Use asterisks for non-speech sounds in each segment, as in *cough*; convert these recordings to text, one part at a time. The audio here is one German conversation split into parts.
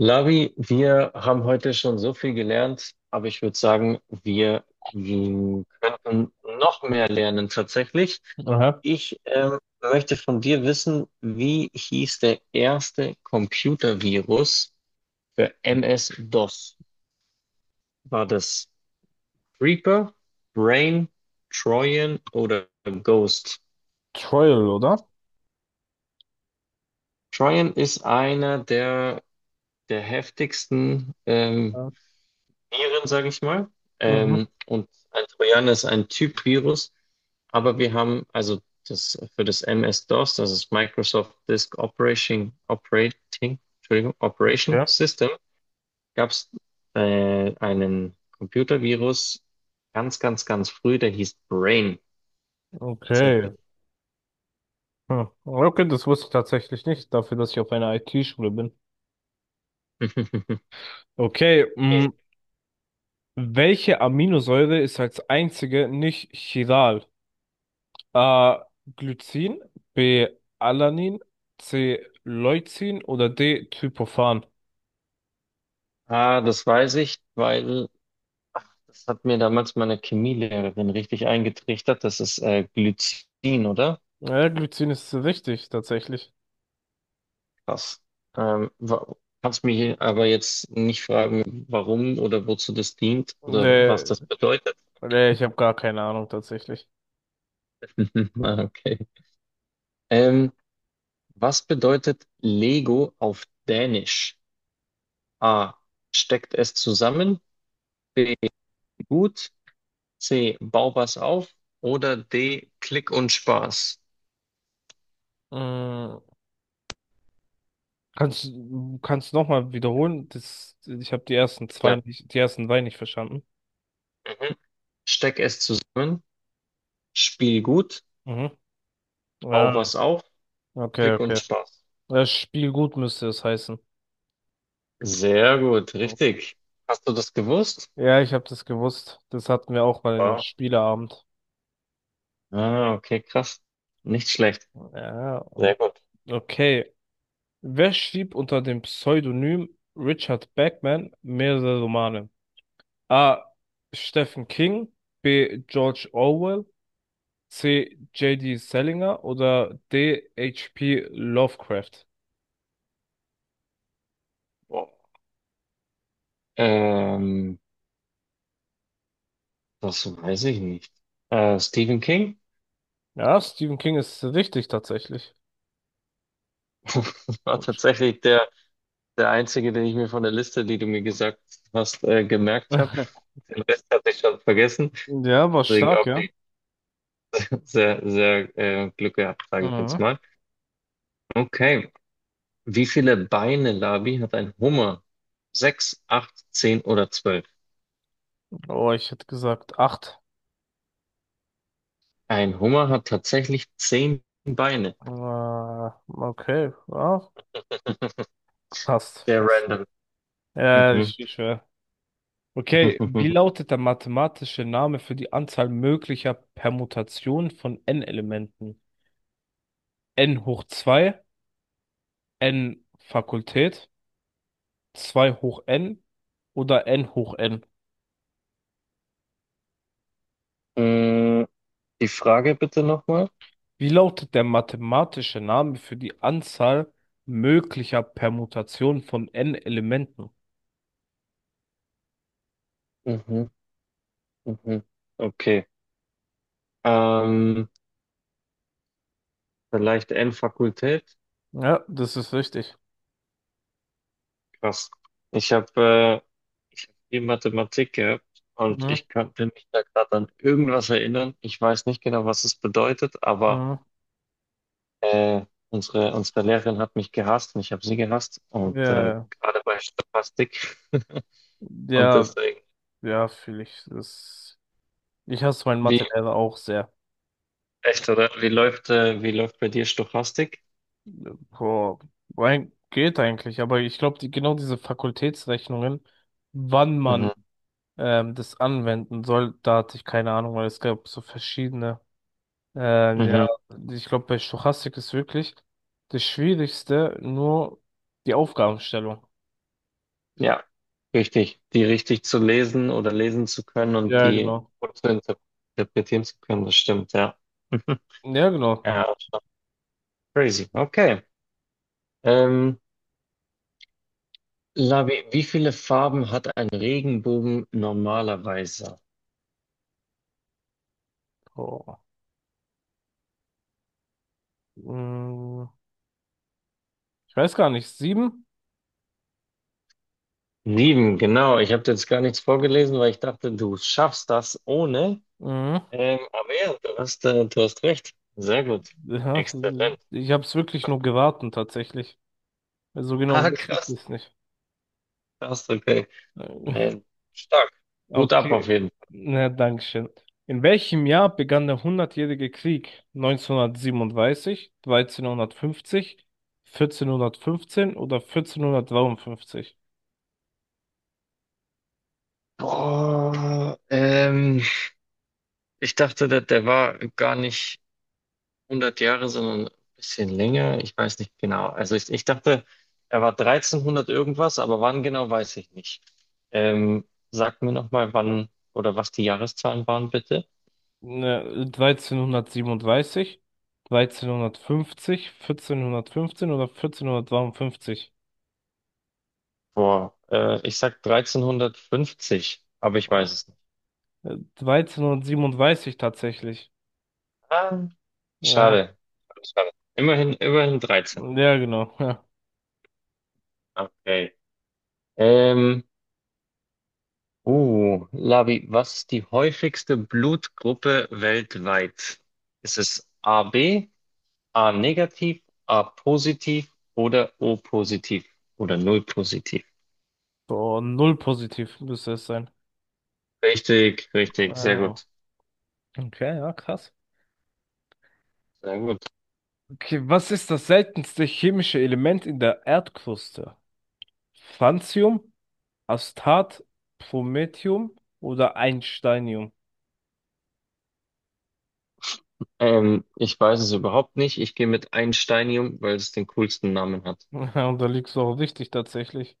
Lavi, wir haben heute schon so viel gelernt, aber ich würde sagen, wir könnten noch mehr lernen tatsächlich. Aha, Ich möchte von dir wissen, wie hieß der erste Computervirus für MS-DOS? War das Reaper, Brain, Trojan oder Ghost? Trial, oder? Trojan ist einer der heftigsten Ja. Viren, sage ich mal. Mhm. Und ein Trojaner ist ein Typ-Virus, aber wir haben also das für das MS-DOS, das ist Microsoft Disk Operating, Entschuldigung, Operation Okay, System, gab es einen Computervirus ganz, ganz, ganz früh, der hieß Brain okay. tatsächlich. Hm. Okay, das wusste ich tatsächlich nicht, dafür, dass ich auf einer IT-Schule bin. *laughs* Okay, Okay. mh, welche Aminosäure ist als einzige nicht chiral? A. Glycin, B. Alanin, C. Leucin oder D. Tryptophan? Ah, das weiß ich, weil das hat mir damals meine Chemielehrerin richtig eingetrichtert. Das ist Glycin, oder? Ja, Glycin ist richtig, tatsächlich. Krass. Ähm, wa- Kannst mich aber jetzt nicht fragen, warum oder wozu das dient oder Nee, was das bedeutet. nee, ich habe gar keine Ahnung, tatsächlich. *laughs* Ah, okay. Ähm, was bedeutet Lego auf Dänisch? A. Steckt es zusammen? B. Gut. C. Bau was auf. Oder D. Klick und Spaß. Mm, kannst du kannst noch mal wiederholen? Das, ich habe die ersten zwei Klar. nicht, die ersten zwei nicht verstanden. Mhm. Steck es zusammen. Spiel gut. Mhm. Bau Ja, was auf. okay, Klick und okay. Spaß. Das Spiel gut müsste es heißen. Sehr gut. Okay. Richtig. Hast du das gewusst? Ja, ich habe das gewusst. Das hatten wir auch mal in einem Wow. Spieleabend. Ah, okay, krass. Nicht schlecht. Ja, Sehr gut. okay. Wer schrieb unter dem Pseudonym Richard Bachman mehrere Romane? A. Stephen King, B. George Orwell, C. J.D. Salinger oder D. H.P. Lovecraft? Ähm, das weiß ich nicht. Stephen King Ja, Stephen King ist richtig tatsächlich. *laughs* war Und- tatsächlich der einzige, den ich mir von der Liste, die du mir gesagt hast, gemerkt habe. *laughs* Den Rest hatte ich schon vergessen. Ja, war Deswegen, stark, ja. okay, sehr, sehr Glück gehabt, sage ich jetzt Mhm. mal. Okay. Wie viele Beine, Labi, hat ein Hummer? Sechs, acht, zehn oder zwölf? Oh, ich hätte gesagt acht. Ein Hummer hat tatsächlich zehn Beine. Äh, okay, ja, fast, Sehr fast. random. Ja, Mhm. richtig schwer. Okay, wie *laughs* lautet der mathematische Name für die Anzahl möglicher Permutationen von n-Elementen? N hoch 2, n Fakultät, 2 hoch n oder n hoch n? Mm, Die Frage bitte nochmal. Wie lautet der mathematische Name für die Anzahl möglicher Permutationen von n-Elementen? Mhm, mhm. Okay. Ähm, vielleicht N-Fakultät? Ja, das ist richtig. Krass. Ich habe äh, ich hab viel Mathematik gehabt und Mhm. ich könnte mich da gerade an irgendwas erinnern. Ich weiß nicht genau, was es bedeutet, aber Mhm. äh, unsere Lehrerin hat mich gehasst und ich habe sie gehasst. Und Ja, gerade bei Stochastik. *laughs* Und ja, deswegen, ja, fühle ich. Das, ich hasse meinen wie, Mathelehrer auch sehr. echt, oder? Wie läuft bei dir Stochastik? Boah, geht eigentlich, aber ich glaube, die, genau diese Fakultätsrechnungen, wann man Mhm. Das anwenden soll, da hatte ich keine Ahnung, weil es gab so verschiedene. Ja, Mhm. ich glaube, bei Stochastik ist wirklich das Schwierigste nur die Aufgabenstellung. Ja, richtig. Die richtig zu lesen oder lesen zu können und Ja, die genau. gut zu interpretieren zu können, das stimmt, ja. *laughs* Ja, genau. Ja, schon crazy. Okay. Ähm, Labi, wie viele Farben hat ein Regenbogen normalerweise? Oh. Mm, ich weiß gar nicht. Sieben? Sieben, genau. Ich habe jetzt gar nichts vorgelesen, weil ich dachte, du schaffst das ohne. Mhm. Aber ja, du hast recht. Sehr gut. Ja, Exzellent. ich habe es wirklich nur geraten, tatsächlich. So genau Ah, wusste ich krass. es Krass, okay. nicht. Nee, stark. Hut ab auf Okay, jeden Fall. na, Dankeschön. In welchem Jahr begann der Hundertjährige Krieg? Neunzehnhundertsiebenunddreißig, dreizehnhundertfünfzig, vierzehnhundertfünfzehn oder 1453? Boah, ich dachte, der war gar nicht 100 Jahre, sondern ein bisschen länger. Ich weiß nicht genau. Also ich dachte, er war 1300 irgendwas, aber wann genau, weiß ich nicht. Ähm, sag mir nochmal, wann oder was die Jahreszahlen waren, bitte. Ne dreizehnhundertsiebenunddreißig, dreizehnhundertfünfzig, vierzehnhundertfünfzehn oder 1453? Boah, ich sag 1350, aber ich weiß es nicht. Äh, 1337 tatsächlich. Ah, Ja, schade. Schade. Immerhin 13. ja, genau. Ja. Okay. Ähm, Oh, Labi, was ist die häufigste Blutgruppe weltweit? Ist es A B, A negativ, A positiv oder O positiv oder Null positiv? So, null positiv müsste es sein. Richtig, richtig, Ah, sehr ja, gut, okay, ja, krass. sehr gut. Okay, was ist das seltenste chemische Element in der Erdkruste? Francium, Astat, Promethium oder Einsteinium? Ich weiß es überhaupt nicht. Ich gehe mit Einsteinium, weil es den coolsten Namen hat. *laughs* Ja, und da liegst du auch richtig tatsächlich.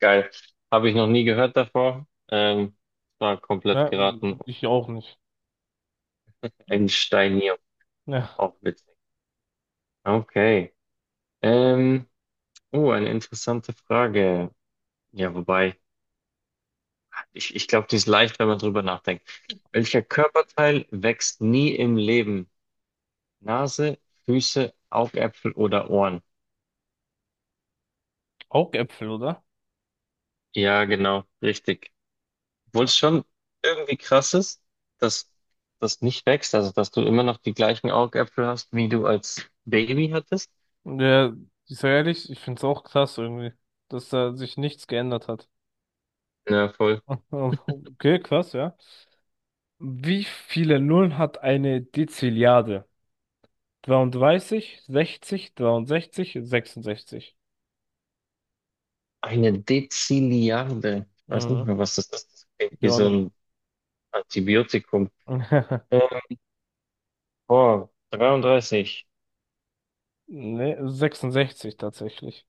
Geil. Habe ich noch nie gehört davor. War komplett Ne, geraten. ich auch nicht. Einsteinium, Ja, auch witzig. Okay. Ähm, Oh, eine interessante Frage. Ja, wobei, ich glaube, die ist leicht, wenn man drüber nachdenkt. Welcher Körperteil wächst nie im Leben? Nase, Füße, Augäpfel oder Ohren? Augäpfel, oder? Ja, genau, richtig. Obwohl Ja, es schon irgendwie krass ist, dass das nicht wächst, also dass du immer noch die gleichen Augäpfel hast, wie du als Baby hattest. Ja, ich sag ehrlich, ich find's auch krass irgendwie, dass da sich nichts geändert hat. Na, voll. *laughs* Okay, krass, ja. Wie viele Nullen hat eine Dezilliarde? 33, 60, 63, 66. Eine Dezilliarde. Ich weiß nicht Mhm. mehr, was das ist. Das klingt wie Gar so nicht. ein Antibiotikum. Ähm, *laughs* Boah, 33. Nee, 66 tatsächlich.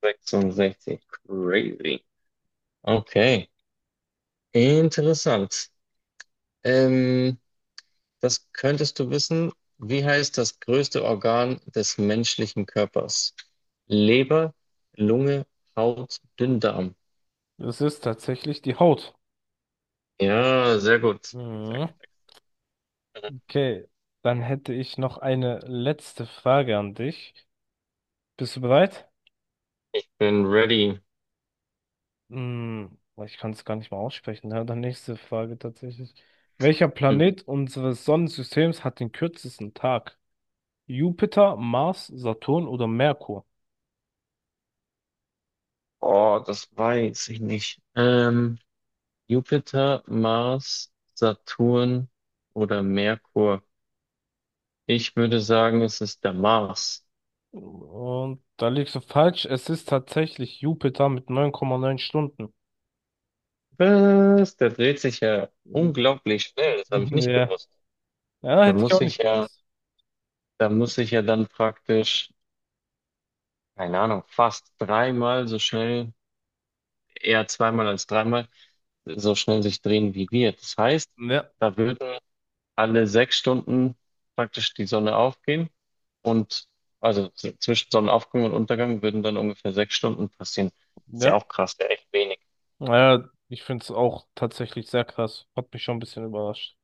66. Crazy. Okay. Interessant. Ähm, das könntest du wissen. Wie heißt das größte Organ des menschlichen Körpers? Leber, Lunge, Haut, Dünndarm. Es ist tatsächlich die Haut. Ja, sehr gut. Sehr Mhm. gut. Excellent. Okay, dann hätte ich noch eine letzte Frage an dich. Bist du bereit? Bin ready. Hm, ich kann es gar nicht mal aussprechen. Ja, dann nächste Frage tatsächlich. Welcher Hm. Planet unseres Sonnensystems hat den kürzesten Tag? Jupiter, Mars, Saturn oder Merkur? Oh, das weiß ich nicht. Jupiter, Mars, Saturn oder Merkur? Ich würde sagen, es ist der Mars. Und da liegst du falsch. Es ist tatsächlich Jupiter mit neun Komma neun Stunden. Was? Der dreht sich ja *laughs* unglaublich schnell. Das habe ich nicht Ja, gewusst. Ja, Da hätte ich muss auch ich nicht ja, gewusst. da muss ich ja dann praktisch, keine Ahnung, fast dreimal so schnell, eher zweimal als dreimal, so schnell sich drehen wie wir. Das heißt, Ja, da würden alle sechs Stunden praktisch die Sonne aufgehen und also zwischen Sonnenaufgang und Untergang würden dann ungefähr sechs Stunden passieren. Ist ja ja. auch krass, ja echt wenig. Naja, ich finde es auch tatsächlich sehr krass. Hat mich schon ein bisschen überrascht.